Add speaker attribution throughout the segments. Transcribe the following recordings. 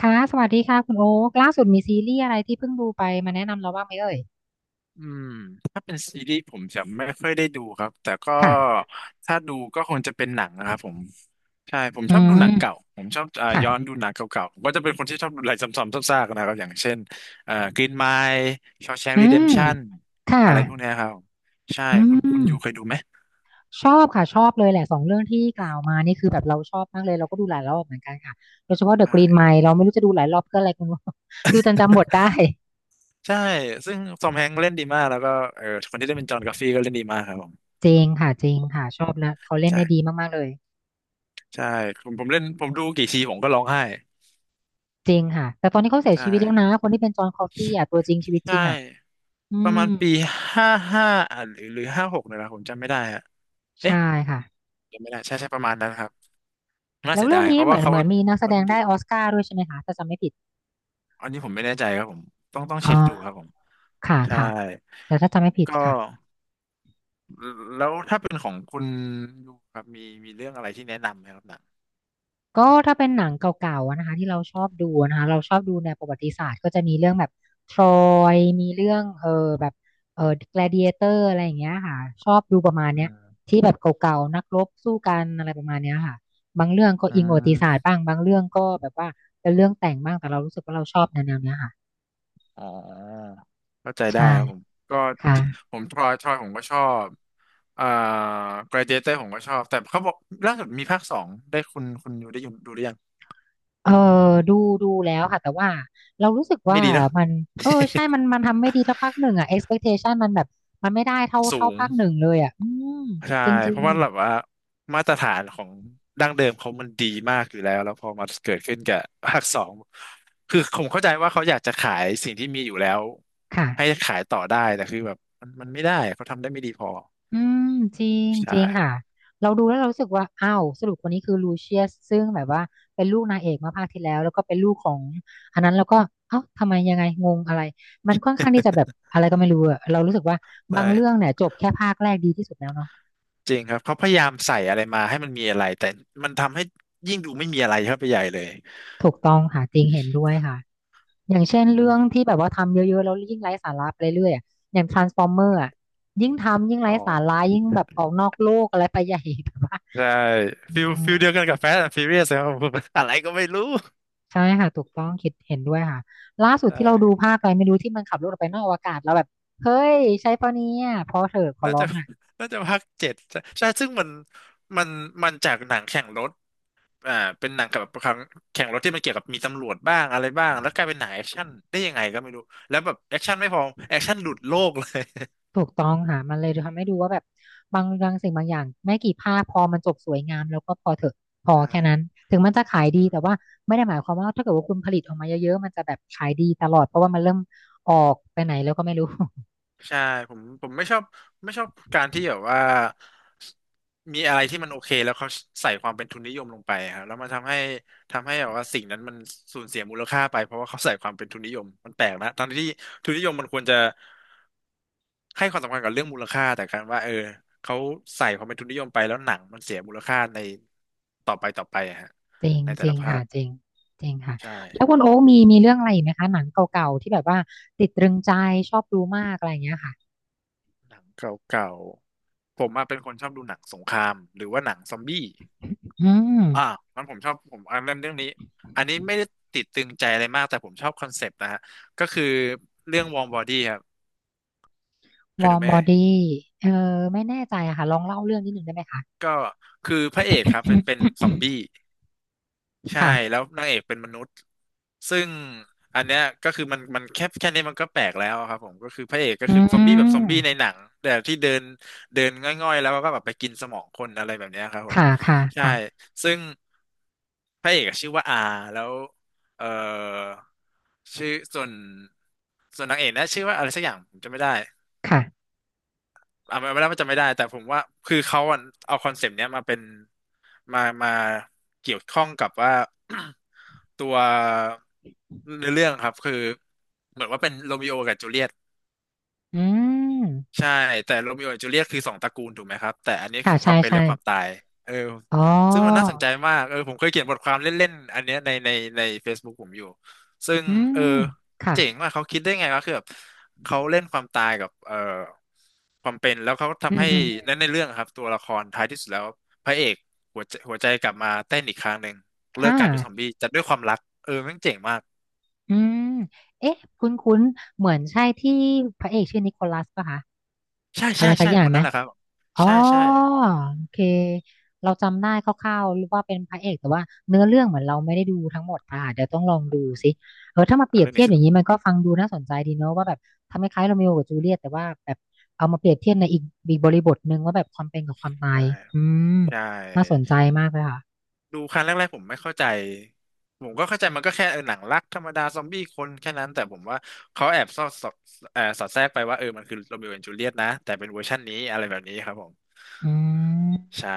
Speaker 1: ค่ะสวัสดีค่ะคุณโอ๊คล่าสุดมีซีรีส์อะไรที่เพิ่งดูไปมาแนะนำเราบ้างไหมเอ่ย
Speaker 2: อืมถ้าเป็นซีรีส์ผมจะไม่ค่อยได้ดูครับแต่ก็
Speaker 1: ค่ะ
Speaker 2: ถ้าดูก็คงจะเป็นหนังนะครับผมใช่ผม
Speaker 1: อื
Speaker 2: ชอบดู
Speaker 1: ม
Speaker 2: หนังเก่าผมชอบ
Speaker 1: ค่ะ
Speaker 2: ย้อนดูหนังเก่าๆผมก็จะเป็นคนที่ชอบดูอะไรซ้ำๆซากๆนะครับอย่างเช่นเอ่อ e n Mile s h a w s h a n k
Speaker 1: อืม
Speaker 2: Redemption
Speaker 1: ค่ะ
Speaker 2: อะไรพวกเนี้ยครับใช่
Speaker 1: อื
Speaker 2: คุณ
Speaker 1: ม
Speaker 2: ยูเคยดูไหม
Speaker 1: ชอบค่ะชอบเลยแหละสองเรื่องที่กล่าวมานี่คือแบบเราชอบมากเลยเราก็ดูหลายรอบเหมือนกันค่ะโดยเฉพาะ The
Speaker 2: ใช่
Speaker 1: Green Mile เราไม่รู้จะดูหลายรอบเพื่ออะไรคุณโอ๊ค ดูจนจำบทได้
Speaker 2: ใช่ซึ่งทอมแฮงค์เล่นดีมากแล้วก็เออคนที่ได้เป็นจอห์นกัฟฟี่ก็เล่นดีมากครับผม
Speaker 1: จริงค่ะจริงค่ะชอบแล้วเขาเล่นได้ดี
Speaker 2: ใช่
Speaker 1: มากๆเลย
Speaker 2: ใช่ผมเล่นผมดูกี่ทีผมก็ร้องไห้
Speaker 1: จริงค่ะแต่ตอนนี้เขาเสีย
Speaker 2: ใช่
Speaker 1: ชีวิตแล้วนะคนที่เป็นจอห์นคอฟฟี่อ่ะตัวจริงชีวิตจ
Speaker 2: ใช่
Speaker 1: ริงอ่ะอื
Speaker 2: ประมา
Speaker 1: ม
Speaker 2: ณปีห้าห้าอ่ะหรือห้าหกเนี่ยแหละผมจำไม่ได้อะ
Speaker 1: ใช่
Speaker 2: เอ๊ะ
Speaker 1: ค่ะ
Speaker 2: จำไม่ได้ใช่ใช่ประมาณนั้นครับน่า
Speaker 1: แล้ว
Speaker 2: เสีย
Speaker 1: เรื่
Speaker 2: ดา
Speaker 1: อง
Speaker 2: ยเพ
Speaker 1: นี้
Speaker 2: ราะ
Speaker 1: เห
Speaker 2: ว่า
Speaker 1: มือนเหมือนมีนักแส
Speaker 2: เขา
Speaker 1: ด
Speaker 2: เล่
Speaker 1: ง
Speaker 2: นดี
Speaker 1: ได้ออสการ์ด้วยใช่ไหมคะถ้าจำไม่ผิด
Speaker 2: อันนี้ผมไม่แน่ใจครับผมต้อง
Speaker 1: อ๋อ
Speaker 2: เช็คดูครับผม
Speaker 1: ค่ะ
Speaker 2: ใช่
Speaker 1: ค่ะแต่ถ้าจำไม่ผิด
Speaker 2: ก็
Speaker 1: ค่ะ
Speaker 2: แล้วถ้าเป็นของคุณยูครับมีเรื่องอะไรที่แนะนำไหมครับหนัง
Speaker 1: ก็ถ้าเป็นหนังเก่าๆอะนะคะที่เราชอบดูนะคะเราชอบดูแนวประวัติศาสตร์ก็จะมีเรื่องแบบทรอยมีเรื่องแบบเออ gladiator อเตอร์อะไรอย่างเงี้ยค่ะชอบดูประมาณ
Speaker 2: อื
Speaker 1: เนี้ย
Speaker 2: ม
Speaker 1: ที่แบบเก่าๆนักรบสู้กันอะไรประมาณเนี้ยค่ะบางเรื่องก็
Speaker 2: อื
Speaker 1: อิงประวัติศาสตร์
Speaker 2: ม
Speaker 1: บ้างบางเรื่องก็แบบว่าเป็นเรื่องแต่งบ้างแต่เรารู้สึกว่าเราชอบแนวๆเนี้ยค่ะ
Speaker 2: อ๋อเข้าใจได้
Speaker 1: ใช่
Speaker 2: ครับผมก็
Speaker 1: ค่ะ
Speaker 2: ผมทรอยผมก็ชอบเอ่อ Gladiator ผมก็ชอบแต่เขาบอกล่าสุดมีภาคสองได้คุณยูได้ยูดูหรือยัง
Speaker 1: เออดูดูแล้วค่ะแต่ว่าเรารู้สึก
Speaker 2: ไม่
Speaker 1: ว่า
Speaker 2: ดีนะ
Speaker 1: มันใช่มันทำไม่ดีเท่าภาคหนึ่งอ่ะ expectation มันแบบมันไม่ได้เท่า
Speaker 2: สู
Speaker 1: เท่า
Speaker 2: ง
Speaker 1: ภาคหนึ่งเลยอ่ะอืม
Speaker 2: ใช่
Speaker 1: จริ
Speaker 2: เพ
Speaker 1: ง
Speaker 2: ราะว่าแบบว่ามาตรฐานของดั้งเดิมเขามันดีมากอยู่แล้วแล้วพอมาเกิดขึ้นกับภาคสองคือผมเข้าใจว่าเขาอยากจะขายสิ่งที่มีอยู่แล้ว
Speaker 1: ๆค่ะ
Speaker 2: ให้ขายต่อได้แต่คือแบบมันไม่ได้เขาทำได้ไม่ดีพอ
Speaker 1: อืมจริงจ
Speaker 2: ใช่
Speaker 1: ริงค่ะเราดูแล้วเรารู้สึกว่าอ้าวสรุปคนนี้คือลูเชียสซึ่งแบบว่าเป็นลูกนางเอกเมื่อภาคที่แล้วแล้วก็เป็นลูกของอันนั้นแล้วก็เอ้าทำไมยังไงงงอะไรมันค่อนข้างที่จะแบบอะไรก็ไม่รู้อะเรารู้สึกว่าบางเรื่อง
Speaker 2: ใช่
Speaker 1: เนี่ยจบแค่ภาคแรกดีที่สุดแล้วเนาะ
Speaker 2: จริงครับเขาพยายามใส่อะไรมาให้มันมีอะไรแต่มันทำให้ยิ่งดูไม่มีอะไรเข้าไปใหญ่เลย
Speaker 1: ถูกต้องค่ะจริงเห็นด้วยค่ะ อย่างเช่น
Speaker 2: อื
Speaker 1: เรื่อง
Speaker 2: ม
Speaker 1: ที่แบบว่าทำเยอะๆแล้วยิ่งไร้สาระไปเรื่อยๆอะอย่าง Transformer อ่ะยิ่งทำยิ่งไร้
Speaker 2: อ๋
Speaker 1: สา
Speaker 2: อ
Speaker 1: ระยิ่งแบบออกนอกโลกอะไรไปใหญ่ แบบว่า
Speaker 2: ใช่
Speaker 1: อื
Speaker 2: ฟิล
Speaker 1: ม
Speaker 2: ฟิลเดียวกันกับแฟ t ์แอนด์ฟิ r เรียสครับผม อะไรก็ไม่รู้
Speaker 1: ใช่ค่ะถูกต้องคิดเห็นด้วยค่ะล่าสุด
Speaker 2: ใช่
Speaker 1: ที่เราดูภาคอะไรไม่รู้ที่มันขับรถออกไปนอกอวกาศแล้วแบบเฮ้ยใช่ปะเนี่ยพอเถอะขอ
Speaker 2: น่า
Speaker 1: ร้อ
Speaker 2: จะ
Speaker 1: งอ่ะ
Speaker 2: น่าจะภาคเจ็ดใช่ใช่ซึ่งมันมันจากหนังแข่งรถอ่าเป็นหนังกับครั้งแข่งรถที่มันเกี่ยวกับมีตำรวจบ้างอะไรบ้างแล้วกลายเป็นหนังแอคชั่นได้ยังไงก็ไม่รู้แล้วแบบแอคชั่นไม่พอแอคชั่นหลุดโลกเลย
Speaker 1: ถูกต้องค่ะมันเลยทำให้ดูว่าแบบบางสิ่งบางอย่างไม่กี่ภาคพอมันจบสวยงามแล้วก็พอเถอะพอแค่นั้นถึงมันจะขายดีแต่ว่าไม่ได้หมายความว่าถ้าเกิดว่าคุณผลิตออกมาเยอะๆมันจะแบบขายดีตลอดเพราะว่ามันเริ่มออกไปไหนแล้วก็ไม่รู้
Speaker 2: ใช่ผมใช่ผมไม่ชอบไม่ชอบการที่แบบว่ามีอะไรที่มันโอเคแล้วเขาใส่ความเป็นทุนนิยมลงไปครับแล้วมันทำให้ทำให้แบบว่าสิ่งนั้นมันสูญเสียมูลค่าไปเพราะว่าเขาใส่ความเป็นทุนนิยมมันแปลกนะตอนที่ทุนนิยมมันควรจะ ให้ความสำคัญกับเรื่องมูลค่าแต่การว่าเขาใส่ความเป็นทุนนิยมไปแล้วหนังมันเสียมูลค่าในต่อไปอะฮะ
Speaker 1: จริง
Speaker 2: ในแต่
Speaker 1: จริ
Speaker 2: ละ
Speaker 1: ง
Speaker 2: ภา
Speaker 1: ค่ะ
Speaker 2: ค
Speaker 1: จริงจริงค่ะ
Speaker 2: ใช่
Speaker 1: แล้วคุณโอ๊คมีเรื่องอะไรอีกไหมคะหนังเก่าๆที่แบบว่าติดตรึงใจชอบดูมากอะไรอย่างเงี้ยค่ะ
Speaker 2: หนังเก่าๆผมอะเป็นคนชอบดูหนังสงครามหรือว่าหนังซอมบี้
Speaker 1: อื
Speaker 2: อ่า
Speaker 1: ม
Speaker 2: มันผมชอบผมอันนั้นเรื่องนี้อันนี้ไม่ได้ติดตึงใจอะไรมากแต่ผมชอบคอนเซปต์นะฮะก็คือเรื่องวอร์มบอดี้ครับเค
Speaker 1: ว
Speaker 2: ย
Speaker 1: อ
Speaker 2: ดู
Speaker 1: ร์ม
Speaker 2: ไหม
Speaker 1: บอ
Speaker 2: เอ่ย
Speaker 1: ดี้เออไม่แน่ใจอะค่ะลองเล่าเรื่องนิดนึงได้ไหมคะ
Speaker 2: ก็คือพระเอกครับเป็นซอม บี้ ใช่
Speaker 1: ค่ะ
Speaker 2: แล้วนางเอกเป็นมนุษย์ซึ่งอันเนี้ยก็คือมันแค่นี้มันก็แปลกแล้วอะครับผมก็คือพระเอกก็
Speaker 1: อื
Speaker 2: คือซอมบี้แบบซอมบี้ใน
Speaker 1: ม
Speaker 2: หนังแต่ที่เดินเดินง่อยๆแล้วก็แบบไปกินสมองคนอะไรแบบเนี้ยครับผม
Speaker 1: ค่ะค่ะ
Speaker 2: ใช่
Speaker 1: ค่ะ
Speaker 2: ซึ่งพระเอกอะชื่อว่าอาแล้วเออชื่อส่วนส่วนนางเอกนะชื่อว่าอะไรสักอย่างผมจำไม่ได้
Speaker 1: ค่ะ
Speaker 2: อ่ะมันไม่ได้ว่าจะไม่ได้แต่ผมว่าคือเขาอะเอาคอนเซปต์เนี้ยมาเป็นมาเกี่ยวข้องกับว่า ตัวในอเรื่องครับคือเหมือนว่าเป็นโรมิโอกับจูเลียต
Speaker 1: อืม
Speaker 2: ใช่แต่โรมิโอและจูเลียตคือสองตระกูลถูกไหมครับแต่อันนี้
Speaker 1: ค่ะ
Speaker 2: คือค
Speaker 1: ใช่
Speaker 2: วามเป็น
Speaker 1: ใช่
Speaker 2: และความตายเออ
Speaker 1: อ๋อ
Speaker 2: ซึ่งมันน่าสนใจมากเออผมเคยเขียนบทความเล่นๆอันเนี้ยใน Facebook ผมอยู่ซึ่ง
Speaker 1: อื
Speaker 2: เออ
Speaker 1: มค่ะ
Speaker 2: เจ๋งมากเขาคิดได้ไงวะคือแบบเขาเล่นความตายกับเออความเป็นแล้วเขา
Speaker 1: อื
Speaker 2: ทำ
Speaker 1: ม
Speaker 2: ให้
Speaker 1: อืม
Speaker 2: ในเรื่องอะครับตัวละครท้ายที่สุดแล้วพระเอกหัวใจกลับมาเต้นอีกครั้งหนึ่งเลิ
Speaker 1: ห้า
Speaker 2: กกลายเป็นซอมบี้แต่ด้วยความรักเออแม่งเจ๋งมาก
Speaker 1: อืมเอ๊ะ คุ้นๆเหมือนใช่ที่พระเอกชื่อนิโคลัสป่ะคะ
Speaker 2: ใช่
Speaker 1: อะ
Speaker 2: ใช่
Speaker 1: ไรสัก
Speaker 2: ใช่
Speaker 1: อย่า
Speaker 2: ค
Speaker 1: ง
Speaker 2: น
Speaker 1: ไหม
Speaker 2: นั้นแหละครับ
Speaker 1: อ๋อ
Speaker 2: ใช่ใช่
Speaker 1: โอเคเราจำได้คร่าวๆว่าเป็นพระเอกแต่ว่าเนื้อเรื่องเหมือนเราไม่ได้ดูทั้งหมดค่ะเดี๋ยวต้องลอง
Speaker 2: อื
Speaker 1: ดู
Speaker 2: ม
Speaker 1: สิถ้ามาเป
Speaker 2: อ่ะ
Speaker 1: รียบ
Speaker 2: เรื่อง
Speaker 1: เทีย
Speaker 2: นี้
Speaker 1: บ
Speaker 2: ส
Speaker 1: อย่า
Speaker 2: นุ
Speaker 1: ง
Speaker 2: ก
Speaker 1: นี้มันก็ฟังดูน่าสนใจดีเนอะว่าแบบทำคล้ายๆโรเมโอกับจูเลียตแต่ว่าแบบเอามาเปรียบเทียบในอีกบริบทหนึ่งว่าแบบความเป็นกับความตา
Speaker 2: ใช่
Speaker 1: ยอืม
Speaker 2: ใช่
Speaker 1: น่าสนใจมากเลยค่ะ
Speaker 2: ดูครั้งแรกๆผมไม่เข้าใจผมก็เข้าใจมันก็แค่เออหนังรักธรรมดาซอมบี้คนแค่นั้นแต่ผมว่าเขาแอบสอดสอดสอดแทรกไปว่าเออมันคือโร e o โอแอนด์จูเลียตนะแต่เป็นเวอร์ชันนี้อะไรแบบนี้ครับผม
Speaker 1: อืม
Speaker 2: ใช่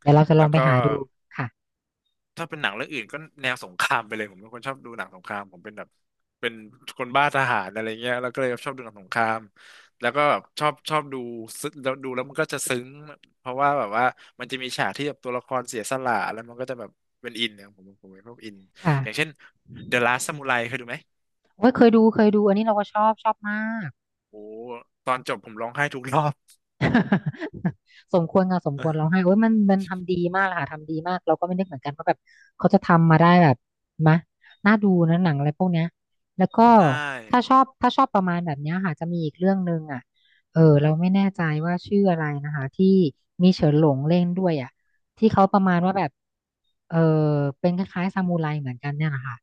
Speaker 1: เดี๋ยวเราจะล
Speaker 2: แล้
Speaker 1: อง
Speaker 2: ว
Speaker 1: ไป
Speaker 2: ก็
Speaker 1: หาดูค่ะ
Speaker 2: ถ้าเป็นหนังเรื่องอื่นก็แนวสงครามไปเลยผมเป็นคนชอบดูหนังสงครามผมเป็นแบบเป็นคนบ้าทหารอะไรเงี้ยแล้วก็เลยชอบดูหนังสงครามแล้วก็แบบชอบดูซึ้งแล้วดูแล้วมันก็จะซึ้งเพราะว่าแบบว่ามันจะมีฉากที่แบบตัวละครเสียสละแล้วมันก็จะแบบเป็นอินเนี่ยผมเป็นพวกอิน
Speaker 1: ค่ะ
Speaker 2: อย่างเช่น The Last Samurai เคยดูไหม
Speaker 1: โอ้ยเคยดูเคยดูอันนี้เราก็ชอบชอบมาก
Speaker 2: โอ้ตอนจบผมร้องไห้ทุกรอบ
Speaker 1: สมควรค่ะสม
Speaker 2: เ
Speaker 1: ควรร้อ
Speaker 2: ออ
Speaker 1: งไห้โอ้ยมันทำดีมากเลยค่ะทำดีมากเราก็ไม่นึกเหมือนกันว่าแบบเขาจะทำมาได้แบบมะน่าดูนะหนังอะไรพวกเนี้ยแล้วก็
Speaker 2: ใช่
Speaker 1: ถ้าชอบถ้าชอบประมาณแบบเนี้ยค่ะจะมีอีกเรื่องหนึ่งอ่ะเราไม่แน่ใจว่าชื่ออะไรนะคะที่มีเฉินหลงเล่นด้วยอ่ะที่เขาประมาณว่าแบบเออเป็นคล้ายๆซามูไรเหมือนกันเนี่ยนะคะ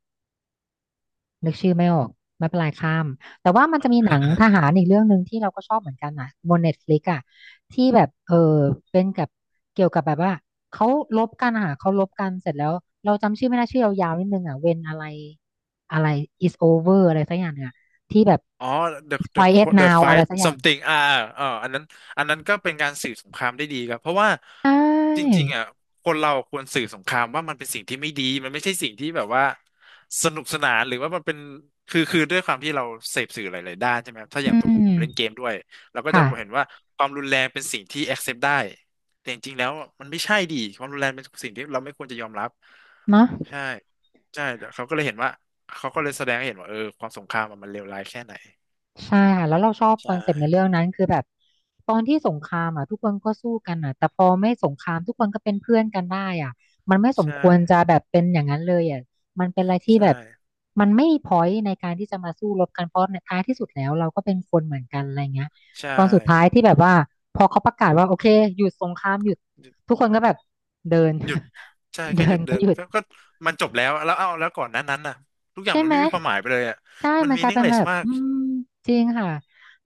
Speaker 1: นึกชื่อไม่ออกไม่เป็นไรข้ามแต่ว่ามันจะมีหนังทหารอีกเรื่องหนึ่งที่เราก็ชอบเหมือนกันนะบนเน็ตฟลิกอะที่แบบเป็นกับเกี่ยวกับแบบว่าเขาลบกันอะค่ะเขาลบกันเสร็จแล้วเราจำชื่อไม่ได้ชื่อยาวๆนิดนึงอะเวนอะไรอะไร is over อะไรสักอย่างเนี่ยที่แบบ
Speaker 2: อ๋อ the the
Speaker 1: quiet
Speaker 2: the
Speaker 1: now อะไร
Speaker 2: fight
Speaker 1: สักอย่าง
Speaker 2: something อันนั้นอันนั้นก็เป็นการสื่อสงครามได้ดีครับเพราะว่า
Speaker 1: ใช
Speaker 2: จ
Speaker 1: ่
Speaker 2: ริงๆอ่ะคนเราควรสื่อสงครามว่ามันเป็นสิ่งที่ไม่ดีมันไม่ใช่สิ่งที่แบบว่าสนุกสนานหรือว่ามันเป็นคือด้วยความที่เราเสพสื่อหลายๆด้านใช่ไหมครับถ้าอ
Speaker 1: อื
Speaker 2: ย่างตัวผมผ
Speaker 1: ม
Speaker 2: มเล่นเกมด้วยเราก็จะ
Speaker 1: ค่ะ
Speaker 2: เห็นว่าความรุนแรงเป็นสิ่งที่ accept ได้แต่จริงๆแล้วมันไม่ใช่ดีความรุนแรงเป็นสิ่งที่เราไม่ควรจะยอมรับ
Speaker 1: เนาะ
Speaker 2: ใช่ใช่เขาก็เลยเห็นว่า เขาก็เลยแสดงให้เห็นว่าเออความสงครามอะมันเลวร้ายแค่ไหน
Speaker 1: ใช่ค่ะแล้วเราชอบค
Speaker 2: ใช่
Speaker 1: อนเซปต์ในเรื่องนั้นคือแบบตอนที่สงครามอ่ะทุกคนก็สู้กันอ่ะแต่พอไม่สงครามทุกคนก็เป็นเพื่อนกันได้อ่ะมันไม่สม
Speaker 2: ใช่
Speaker 1: ควรจะแบบเป็นอย่างนั้นเลยอ่ะมันเป็นอะไรที่
Speaker 2: ใช่
Speaker 1: แบบมันไม่มีพอยในการที่จะมาสู้รบกันเพราะในท้ายที่สุดแล้วเราก็เป็นคนเหมือนกันอะไรเงี้ย
Speaker 2: ใช่
Speaker 1: ตอนสุดท้ายที่แบบว่าพอเขาประกาศว่าโอเคหยุดสงครามหยุด
Speaker 2: หยุด
Speaker 1: ทุกคนก็แบบเดิน
Speaker 2: หยุดใช่ ก็
Speaker 1: เดิ
Speaker 2: หยุ
Speaker 1: น
Speaker 2: ดเดิ
Speaker 1: ก็
Speaker 2: น
Speaker 1: หยุด
Speaker 2: ก็มันจบแล้วแล้วเอาแล้วก่อนหนั้นนั้นน่ะทุกอย่าง
Speaker 1: ใช่
Speaker 2: มัน
Speaker 1: ไหม
Speaker 2: ไม่มีความหมายไปเลยอ่ะ
Speaker 1: ใช่
Speaker 2: มัน
Speaker 1: มัน
Speaker 2: มี
Speaker 1: กลาย
Speaker 2: นิ่ง
Speaker 1: เป็น
Speaker 2: เล
Speaker 1: แบ
Speaker 2: ส
Speaker 1: บ
Speaker 2: มาก
Speaker 1: อืมจริงค่ะ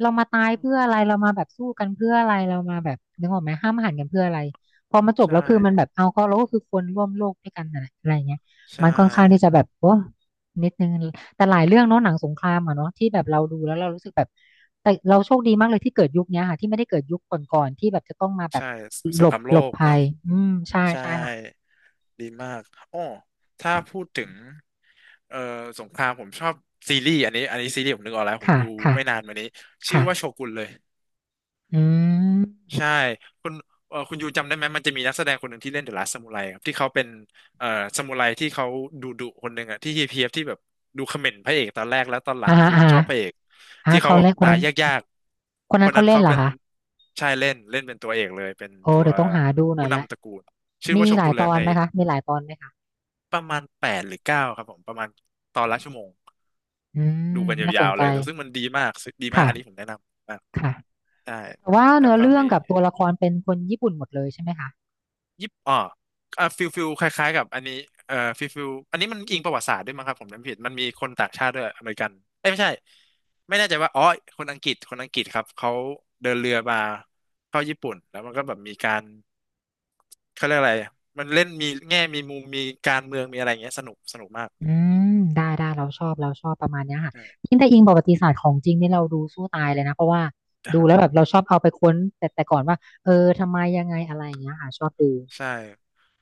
Speaker 1: เรามาตายเพื่ออะไรเรามาแบบสู้กันเพื่ออะไรเรามาแบบนึกออกไหมห้ามหันกันเพื่ออะไรพอมาจบ
Speaker 2: ใช่
Speaker 1: แล้วคือมันแบบเอาก็เราก็คือคนร่วมโลกด้วยกันอะไรอะไรเงี้ย
Speaker 2: ใช่
Speaker 1: มันค่อนข้างที่จะแบบโอ้นิดนึงแต่หลายเรื่องเนาะหนังสงครามอะเนาะที่แบบเราดูแล้วเรารู้สึกแบบแต่เราโชคดีมากเลยที่เกิดยุคเนี้ยค่ะที่ไม่ได้เกิดยุคก่อนๆที่แบบจะต้องมาแบบ
Speaker 2: ใช่ส
Speaker 1: หล
Speaker 2: งค
Speaker 1: บ
Speaker 2: รามโล
Speaker 1: หลบ
Speaker 2: ก
Speaker 1: ภั
Speaker 2: เนอะ
Speaker 1: ยอืมใช่
Speaker 2: ใช่
Speaker 1: ใช่ค่ะ
Speaker 2: ดีมากอ้อถ้าพูดถึงเอ่อสงครามผมชอบซีรีส์อันนี้อันนี้ซีรีส์ผมนึกออกแล้วผม
Speaker 1: ค่ะ
Speaker 2: ดู
Speaker 1: ค่ะ
Speaker 2: ไม่นานมานี้ชื่อ
Speaker 1: ค่ะ
Speaker 2: ว่าโชกุนเลย
Speaker 1: อื
Speaker 2: ใช่
Speaker 1: ม
Speaker 2: คุณคุณยูจำได้ไหมมันจะมีนักแสดงคนหนึ่งที่เล่นเดอะลาส t ซามูไรครับที่เขาเป็นเอ่อซามูไรที่เขาดุดุคนหนึ่งอะที่เฮียบที่แบบดูเขม่นพระเอกตอนแรกแล้วตอนหลั
Speaker 1: อ่า
Speaker 2: ง
Speaker 1: ฮะ
Speaker 2: คือ
Speaker 1: อ่า
Speaker 2: ชอ
Speaker 1: ฮะ
Speaker 2: บพระเอก
Speaker 1: อ่ะ
Speaker 2: ที่เขา
Speaker 1: เขา
Speaker 2: แบบ
Speaker 1: เล่นคน
Speaker 2: ตาย
Speaker 1: นั้น
Speaker 2: ยาก
Speaker 1: คน
Speaker 2: ๆค
Speaker 1: นั้น
Speaker 2: น
Speaker 1: เขา
Speaker 2: นั้น
Speaker 1: เล่น
Speaker 2: เขา
Speaker 1: เหรอ
Speaker 2: เป็น
Speaker 1: คะ
Speaker 2: ใช่เล่นเล่นเป็นตัวเอกเลยเป็น
Speaker 1: โอ้
Speaker 2: ตัว
Speaker 1: เดี๋ยวต้องหาดูหน่อ
Speaker 2: ผู้
Speaker 1: ยละ
Speaker 2: นำตระกูลชื่อ
Speaker 1: มี
Speaker 2: ว่าโช
Speaker 1: หลา
Speaker 2: กุ
Speaker 1: ย
Speaker 2: น
Speaker 1: ต
Speaker 2: แล้ว
Speaker 1: อน
Speaker 2: ใน
Speaker 1: ไหมคะมีหลายตอนไหมคะ
Speaker 2: ประมาณแปดหรือเก้าครับผมประมาณตอนละชั่วโมง
Speaker 1: อื
Speaker 2: ดู
Speaker 1: ม
Speaker 2: กัน
Speaker 1: น่าส
Speaker 2: ยา
Speaker 1: น
Speaker 2: วๆ
Speaker 1: ใจ
Speaker 2: เลยแล้วซึ่งมันดีมากซึ่งดีมากอันนี้ผม
Speaker 1: ค่ะ
Speaker 2: แนะนำมาก
Speaker 1: ค่ะ
Speaker 2: ใช่
Speaker 1: แต่ว่า
Speaker 2: แล้ว
Speaker 1: เนื้อ
Speaker 2: ก็
Speaker 1: เรื่อง
Speaker 2: มี
Speaker 1: กับตัวละครเป็นคนญี่ปุ่นหมดเลยใช่ไหมคะ
Speaker 2: ยิปอ่าอ่าฟิลคล้ายๆกับอันนี้ฟิลอันนี้มันอิงประวัติศาสตร์ด้วยมั้งครับผมจำผิดมันมีคนต่างชาติด้วยอเมริกันเอ้ยไม่ใช่ไม่แน่ใจว่าอ๋อคนอังกฤษครับเขาเดินเรือมาเข้าญี่ปุ่นแล้วมันก็แบบมีการเขาเรียกอะไรมันเล่นมีแง่มีมุมมีการเมืองมีอะไรอย่างเงี้ยสนุกมาก
Speaker 1: อืมได้ได้เราชอบเราชอบประมาณเนี้ยค่ะ
Speaker 2: ใ
Speaker 1: ยิ่งถ้าอิงประวัติศาสตร์ของจริงนี่เราดูสู้ตายเลยนะเพราะว่าดู
Speaker 2: ช่
Speaker 1: แล้วแบบเราชอบเอาไปค้นแต่ก่อนว่าเออทำไมยังไงอะไรอย่างเงี้ยค่ะชอบดู
Speaker 2: ใช่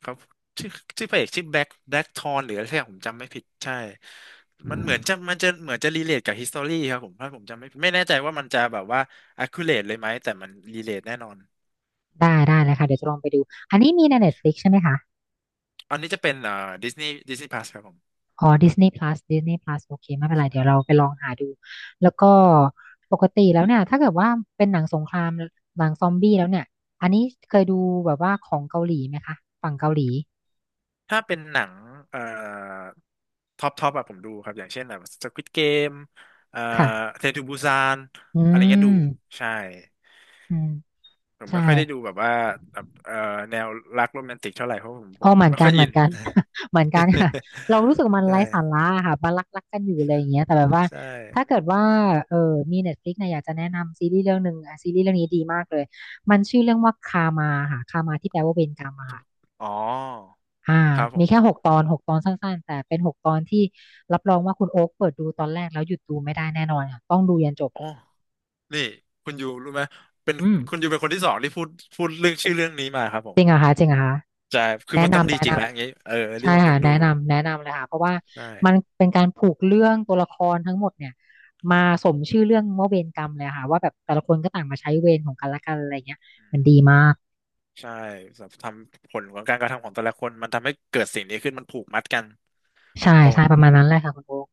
Speaker 2: ครับชื่อชื่อพระเอกชื่อแบ็คทอนหรืออะไรสักอย่างผมจำไม่ผิดใช่ มันเหมือนจะมันจะเหมือนจะรีเลทกับฮิสตอรี่ครับผมถ้าผมจำไม่ผิดไม่แน่ใจว่ามันจะแบบว่า accurate เลยไหมแต่มันรีเลทแน่นอน
Speaker 1: ได้ได้เลยค่ะเดี๋ยวจะลองไปดูอันนี้มีใน Netflix ใช่ไหมคะ
Speaker 2: อันนี้จะเป็นดิสนีย์พลัสครับผม
Speaker 1: อ๋อ Disney Plus Disney Plus โอเคไม่เป็นไรเดี๋ยว
Speaker 2: ใช่
Speaker 1: เราไปลองหาดูแล้วก็ปกติแล้วเนี่ยถ้าเกิดว่าเป็นหนังสงครามหนังซอมบี้แล้วเนี่ยอันนี้เคยดูแบบว่าของเกาหลีไหมคะฝั่งเกาหลี
Speaker 2: ถ้าเป็นหนังเอ่อท็อปท็อปอะผมดูครับอย่างเช่นแบบ Squid Game เอ่อ
Speaker 1: ค่ะ
Speaker 2: เทนทูบูซาน
Speaker 1: อื
Speaker 2: อะไรเงี้ยดู
Speaker 1: ม
Speaker 2: ใช่
Speaker 1: อืม
Speaker 2: ผม
Speaker 1: ใช่
Speaker 2: ไม่ค่อยได้ดูแบบว่าแบบแนวรักโรแมนติกเท่าไหร่เพราะผมผ
Speaker 1: อ๋อ
Speaker 2: ม
Speaker 1: เหมือน
Speaker 2: ไม่
Speaker 1: กั
Speaker 2: ค่
Speaker 1: น
Speaker 2: อย
Speaker 1: เห
Speaker 2: อิ
Speaker 1: มือ
Speaker 2: น
Speaker 1: นกัน เหมือนกันค่ะ เรารู้สึกมันไร้
Speaker 2: ได้
Speaker 1: สาระค่ะบารักกันอยู่อะไรอย่างเงี้ยแต่แบบว่า
Speaker 2: ใช่
Speaker 1: ถ้าเกิดว่าเออมี Netflix เนี่ยอยากจะแนะนำซีรีส์เรื่องหนึ่งอ่ะซีรีส์เรื่องนี้ดีมากเลยมันชื่อเรื่องว่าคามาค่ะคามาที่แปลว่าเวรกรรมอะค่ะ
Speaker 2: อ๋อ
Speaker 1: อ่า
Speaker 2: ครับผ
Speaker 1: มี
Speaker 2: ม
Speaker 1: แค่หกตอนหกตอนสั้นๆแต่เป็นหกตอนที่รับรองว่าคุณโอ๊คเปิดดูตอนแรกแล้วหยุดดูไม่ได้แน่นอนค่ะต้องดูยันจบ
Speaker 2: อ๋อนี่คุณยูรู้ไหมเป็น
Speaker 1: อืม
Speaker 2: คุณยูเป็นคนที่สองที่พูดพูดเรื่องชื่อเรื่องนี้มาครับผมใช่คือ
Speaker 1: แนะ
Speaker 2: มันต้อง
Speaker 1: นำ
Speaker 2: ดี
Speaker 1: แนะ
Speaker 2: จริ
Speaker 1: น
Speaker 2: งแล้วอย่างนี้เอออั
Speaker 1: ำ
Speaker 2: น
Speaker 1: ใช่
Speaker 2: นี้ผมต้
Speaker 1: ค่ะ
Speaker 2: องดู
Speaker 1: แนะนำเลยค่ะเพราะว่า
Speaker 2: ใช่
Speaker 1: มันเป็นการผูกเรื่องตัวละครทั้งหมดเนี่ยมาสมชื่อเรื่องว่าเวรกรรมเลยค่ะว่าแบบแต่ละคนก็ต่างมาใช้เวรของกันและกันอะไรเงี้ย
Speaker 2: อื
Speaker 1: มัน
Speaker 2: ม
Speaker 1: ดีมาก
Speaker 2: ใช่สำหรับทำผลของการกระทำของแต่ละคนมันทำให้เกิดสิ่งนี้ขึ้นมันผูกมัดกันเป็
Speaker 1: ใช่
Speaker 2: นป
Speaker 1: ใช่
Speaker 2: ม
Speaker 1: ประมาณนั้นแหละค่ะคุณโอ๊ค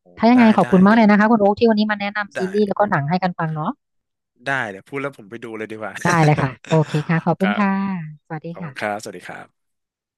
Speaker 2: โอ้
Speaker 1: ถ้ายังไง
Speaker 2: ได้
Speaker 1: ขอบ
Speaker 2: ได้
Speaker 1: คุณมาก
Speaker 2: เดี๋
Speaker 1: เล
Speaker 2: ยว
Speaker 1: ยนะคะคุณโอ๊คที่วันนี้มาแนะนำซี
Speaker 2: ได้
Speaker 1: รีส์แล้วก็หนังให้กันฟังเนาะ
Speaker 2: พูดแล้วผมไปดูเลยดีกว่า
Speaker 1: ได้เลยค่ะโอเคค่ะขอบ
Speaker 2: ค
Speaker 1: คุณ
Speaker 2: รับ
Speaker 1: ค่ะสวัสดี
Speaker 2: ขอบคุณค
Speaker 1: ค่ะ
Speaker 2: รับสวัสดีครับ